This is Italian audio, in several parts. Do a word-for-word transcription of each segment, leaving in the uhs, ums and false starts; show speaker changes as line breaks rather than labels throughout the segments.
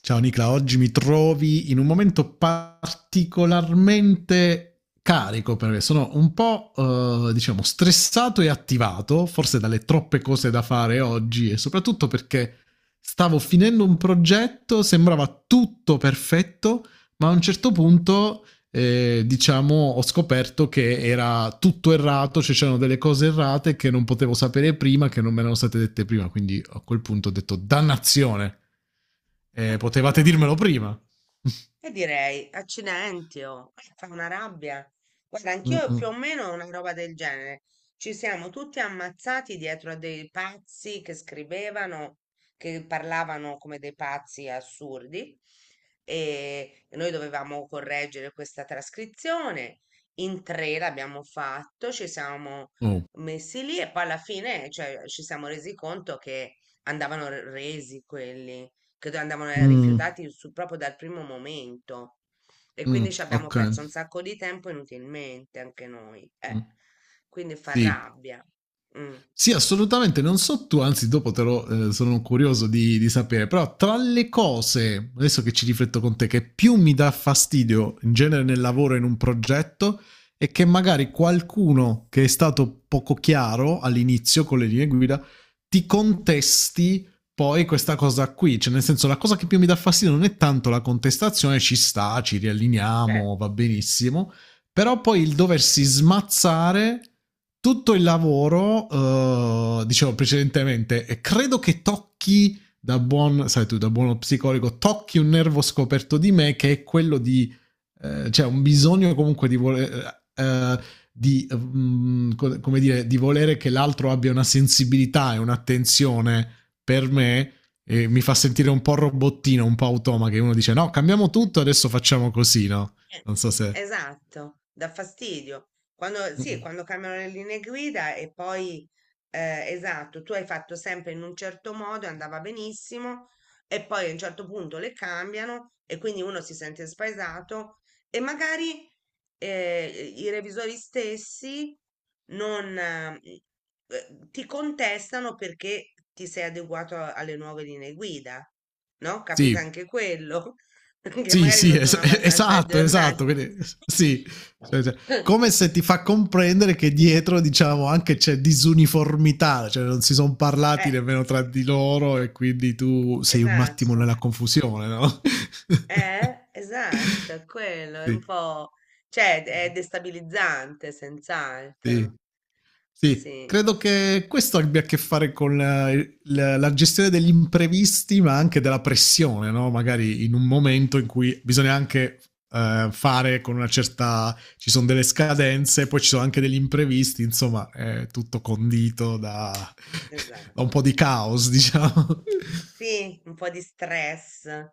Ciao Nicla, oggi mi trovi in un momento particolarmente carico perché sono un po' eh, diciamo stressato e attivato, forse dalle troppe cose da fare oggi e soprattutto perché stavo finendo un progetto, sembrava tutto perfetto, ma a un certo punto eh, diciamo, ho scoperto che era tutto errato, cioè c'erano delle cose errate che non potevo sapere prima, che non me erano state dette prima. Quindi a quel punto ho detto, dannazione, eh,
Eh,
potevate
Mamma
dirmelo
mia,
prima.
e direi accidenti, oh, eh, fa una rabbia. Guarda, anch'io
Mm-mm.
più o meno ho una roba del genere. Ci siamo tutti ammazzati dietro a dei pazzi che scrivevano, che parlavano come dei pazzi assurdi. E e noi dovevamo correggere questa trascrizione. In tre l'abbiamo fatto, ci siamo
Oh.
messi lì e poi alla fine, cioè, ci siamo resi conto che andavano re- resi quelli che andavano eh,
Mm.
rifiutati su- proprio dal primo momento. E quindi
Mm,
ci abbiamo
ok.
perso un sacco di tempo inutilmente anche noi. Eh.
Mm.
Quindi fa
Sì,
rabbia. Mm.
sì, assolutamente, non so tu, anzi dopo te lo eh, sono curioso di, di sapere, però tra le cose, adesso che ci rifletto con te, che più mi dà fastidio in genere nel lavoro in un progetto è che magari qualcuno che è stato poco chiaro all'inizio con le linee guida ti contesti poi questa cosa qui, cioè nel senso la cosa che più mi dà fastidio non è tanto la contestazione, ci sta, ci
Certo.
rialliniamo, va benissimo, però poi il doversi smazzare tutto il lavoro, eh, dicevo precedentemente, e credo che tocchi da buon, sai tu, da buono psicologo, tocchi un nervo scoperto di me che è quello di, eh, cioè un bisogno comunque di voler, eh, di, mm, co- come dire, di volere che l'altro abbia una sensibilità e un'attenzione per me e mi fa sentire un po' robottino, un po' automa, che uno dice no, cambiamo tutto, adesso facciamo così, no?
Eh,
Non so se...
Esatto, dà fastidio. Quando, sì,
Mm-mm.
quando cambiano le linee guida e poi, eh, esatto, tu hai fatto sempre in un certo modo e andava benissimo e poi a un certo punto le cambiano e quindi uno si sente spaesato e magari eh, i revisori stessi non, eh, eh, ti contestano perché ti sei adeguato a- alle nuove linee guida, no? Capita
Sì,
anche quello. Che
sì,
magari
sì,
non sono
es-
abbastanza
esatto,
aggiornati.
esatto. Quindi, sì. Cioè, cioè, come se ti fa comprendere che dietro, diciamo, anche c'è disuniformità, cioè non si sono parlati
Eh,
nemmeno tra di loro e quindi tu sei un attimo
esatto.
nella confusione, no?
Eh, esatto, è quello è un
Sì,
po', cioè è destabilizzante,
sì.
senz'altro.
Sì,
Sì,
credo che questo abbia a che fare con la, la- la gestione degli imprevisti, ma anche della pressione, no? Magari in un momento in cui bisogna anche eh, fare con una certa... ci sono delle scadenze, poi ci sono anche degli imprevisti, insomma, è tutto condito da,
esatto.
da un po' di caos, diciamo.
Sì, un po' di stress, eh,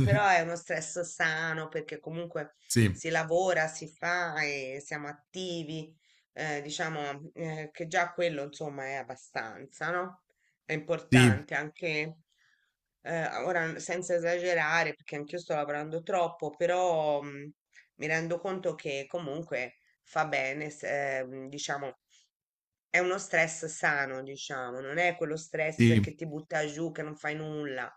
però è uno stress sano perché comunque
Sì,
si lavora, si fa e siamo attivi, eh, diciamo, eh, che già quello insomma è abbastanza, no? È
sì,
importante anche, eh, ora senza esagerare perché anch'io sto lavorando troppo, però mm, mi rendo conto che comunque fa bene, se- eh, diciamo è uno stress sano, diciamo, non è quello stress
sì,
che ti butta giù, che non fai nulla.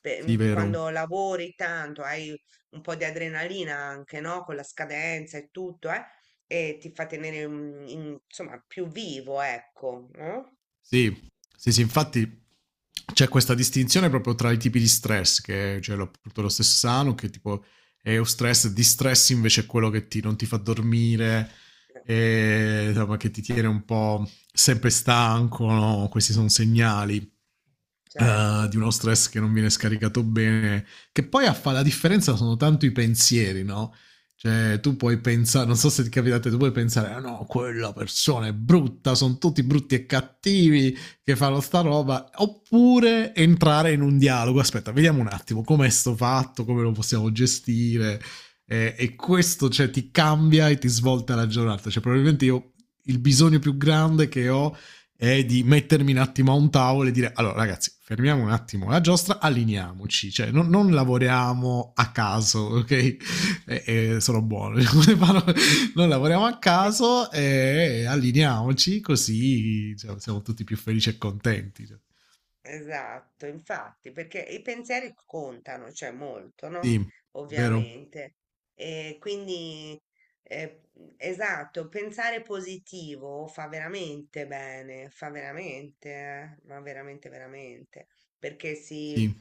Pe-
sì,
mm, quando
vero.
lavori tanto, hai un po' di adrenalina anche, no? Con la scadenza e tutto, eh? E ti fa tenere, mm, in- insomma, più vivo, ecco, no?
Sì, sì, sì, infatti c'è questa distinzione proprio tra i tipi di stress, che c'è lo- appunto lo stesso sano, che tipo è un stress, distress invece è quello che ti, non ti fa dormire,
Eh,
e, insomma, che ti tiene un po' sempre stanco, no? Questi sono segnali, eh,
Certo.
di uno stress che non viene scaricato bene, che poi a fare la differenza sono tanto i pensieri, no? Cioè, tu puoi pensare, non so se ti capita a te, tu puoi pensare, ah no, quella persona è brutta, sono tutti brutti e cattivi che fanno sta roba, oppure entrare in un dialogo, aspetta, vediamo un attimo com'è sto fatto, come lo possiamo gestire, eh, e questo, cioè, ti cambia e ti svolta la giornata, cioè, probabilmente io il bisogno più grande che ho è di mettermi un attimo a un tavolo e dire, allora ragazzi, fermiamo un attimo la giostra, allineiamoci, cioè, non, non lavoriamo a caso, ok? e, e sono buono. Noi lavoriamo a caso e allineiamoci così cioè, siamo tutti più felici e contenti.
Esatto, infatti, perché i pensieri contano, cioè molto, no?
Sì, vero?
Ovviamente. E quindi, eh, esatto, pensare positivo fa veramente bene, fa veramente, eh, ma veramente, veramente, perché si,
Sì,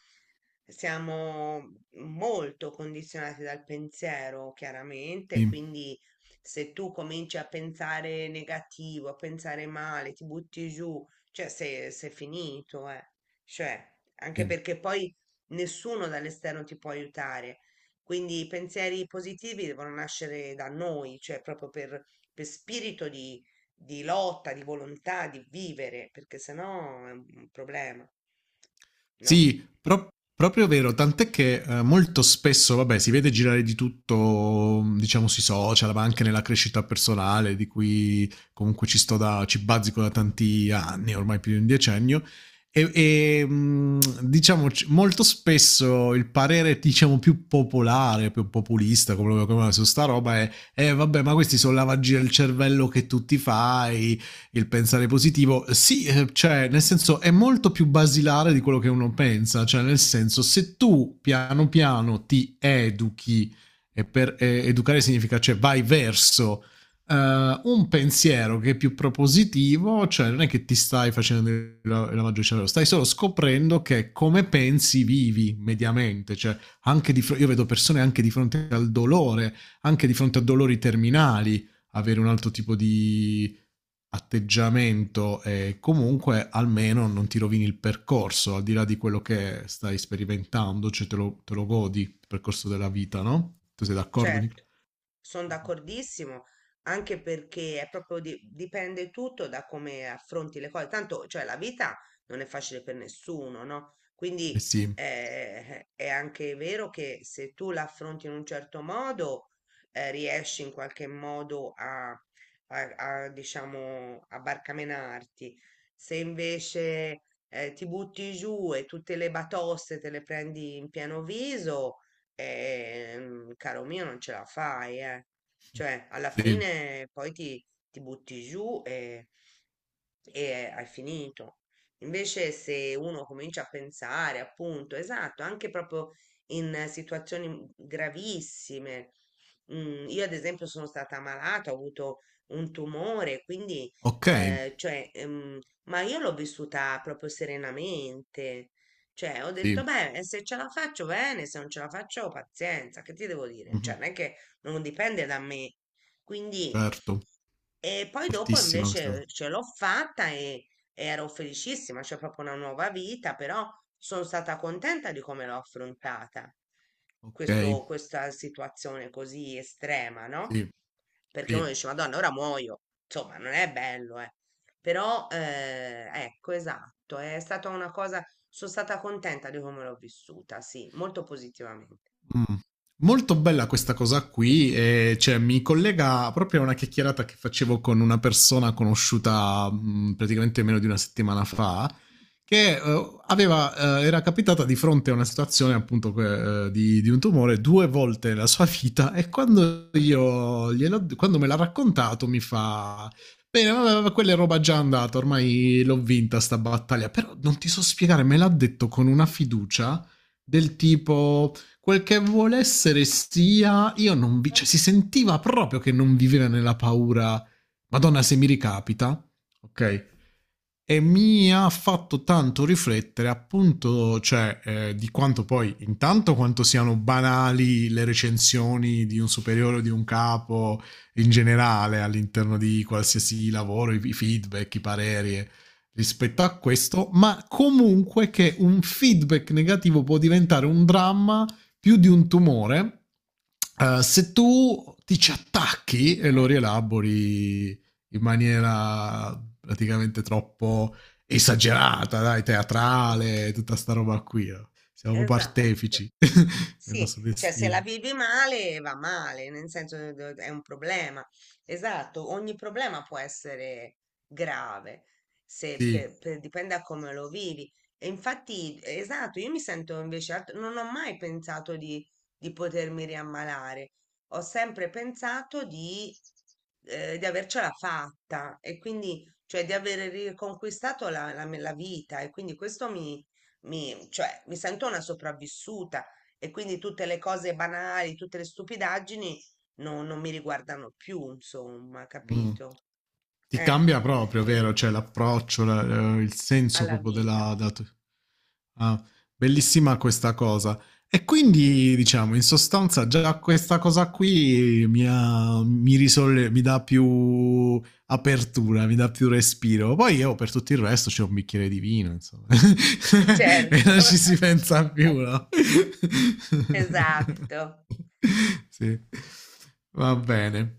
siamo molto condizionati dal pensiero, chiaramente,
sì,
quindi se tu cominci a pensare negativo, a pensare male, ti butti giù, cioè sei, sei finito, eh. Cioè, anche
sì.
perché poi nessuno dall'esterno ti può aiutare. Quindi i pensieri positivi devono nascere da noi, cioè proprio per, per spirito di, di lotta, di volontà, di vivere, perché sennò è un un problema, no?
Sì, pro- proprio vero, tant'è che eh, molto spesso, vabbè, si vede girare di tutto, diciamo, sui social, ma anche nella crescita personale, di cui comunque ci sto da, ci bazzico da tanti anni, ormai più di un decennio. E, e, mh, diciamo c- molto spesso il parere diciamo più popolare, più populista, come, come su sta roba è eh, vabbè, ma questi sono lavaggi del cervello che tu ti fai, il pensare positivo, sì, eh, cioè, nel senso è molto più basilare di quello che uno pensa, cioè, nel senso, se tu piano piano ti educhi, e per eh, educare significa, cioè, vai verso eh, un pensiero che è più propositivo, cioè, non è che ti stai facendo la, la maggior cervello, stai solo scoprendo che come pensi vivi mediamente, cioè, anche di, fronte, io vedo persone anche di fronte al dolore, anche di fronte a dolori terminali, avere un altro tipo di atteggiamento e comunque almeno non ti rovini il percorso, al di là di quello che stai sperimentando, cioè te lo, te lo godi il percorso della vita, no? Tu sei d'accordo, Nicola?
Certo, sono d'accordissimo, anche perché è proprio di- dipende tutto da come affronti le cose. Tanto, cioè, la vita non è facile per nessuno, no?
Eh
Quindi
sì,
eh, è anche vero che se tu la affronti in un certo modo, eh, riesci in qualche modo a, a- a, diciamo, a barcamenarti. Se invece eh, ti butti giù e tutte le batoste te le prendi in pieno viso. Ehm, caro mio, non ce la fai, eh. Cioè, alla
sì,
fine poi ti, ti butti giù e, e hai finito. Invece, se uno comincia a pensare, appunto, esatto, anche proprio in situazioni mhmm, gravissime. Mm, io, ad esempio, sono stata malata, ho avuto un tumore, quindi,
ok,
eh, cioè, ehm, ma io l'ho vissuta proprio serenamente. Cioè, ho detto,
sì,
beh, se ce la faccio bene, se non ce la faccio, pazienza, che ti devo dire?
mhm,
Cioè, non è che non dipende da me. Quindi,
certo,
e poi dopo
fortissima questa cosa.
invece ce l'ho fatta e, e ero felicissima, c'è proprio una nuova vita, però sono stata contenta di come l'ho affrontata,
Ok,
questo- questa situazione così estrema, no?
sì,
Perché uno
sì.
dice, Madonna, ora muoio. Insomma, non è bello, eh. Però, eh, ecco, esatto, è stata una cosa, sono stata contenta di come l'ho vissuta, sì, molto positivamente.
Mm. Molto bella questa cosa qui, e, cioè, mi collega proprio a una chiacchierata che facevo con una persona conosciuta mh, praticamente meno di una settimana fa, che eh, aveva, eh, era capitata di fronte a una situazione appunto que- eh, di, di un tumore due volte nella sua vita e quando, io gliel'ho- quando me l'ha raccontato mi fa... Bene, vabbè, quella è roba già andata, ormai l'ho vinta sta battaglia, però non ti so spiegare, me l'ha detto con una fiducia del tipo, quel che vuole essere sia, io non vi, cioè, si sentiva proprio che non viveva nella paura, madonna se mi ricapita,
Mm,
ok? E mi ha fatto tanto riflettere appunto, cioè, eh, di quanto poi, intanto quanto siano banali le recensioni di un superiore o di un capo in generale all'interno di qualsiasi lavoro, i feedback, i pareri eh, rispetto a
mm.
questo, ma comunque che un feedback negativo può diventare un dramma più di un tumore, eh, se tu ti ci attacchi e lo
Eh,
rielabori in maniera praticamente troppo esagerata, dai,
mm,
teatrale, tutta sta roba qui, no? Siamo proprio
esatto.
artefici del
Sì,
nostro
cioè se la
destino.
vivi male va male, nel senso che do- è un problema. Esatto, ogni problema può essere grave, se
Sì.
per- per- dipende da come lo vivi. E infatti, esatto, io mi sento invece, alt- non ho mai pensato di, di potermi riammalare, ho sempre pensato di, eh, di avercela fatta e quindi, cioè di aver riconquistato la, la, la vita e quindi questo mi, mi, cioè, mi sento una sopravvissuta e quindi tutte le cose banali, tutte le stupidaggini no- non mi riguardano più, insomma,
Mm.
capito?
Ti
Eh,
cambia proprio,
quello,
vero? Cioè l'approccio, la- eh, il senso
alla
proprio
vita.
della... della tu- Ah, bellissima questa cosa. E quindi, diciamo, in sostanza già questa cosa qui mi, ha- mi, risolle- mi dà più apertura, mi dà più respiro. Poi io per tutto il resto c'è un bicchiere di vino, insomma. E non
Certo.
ci si pensa più, no?
Esatto.
Sì. Va bene.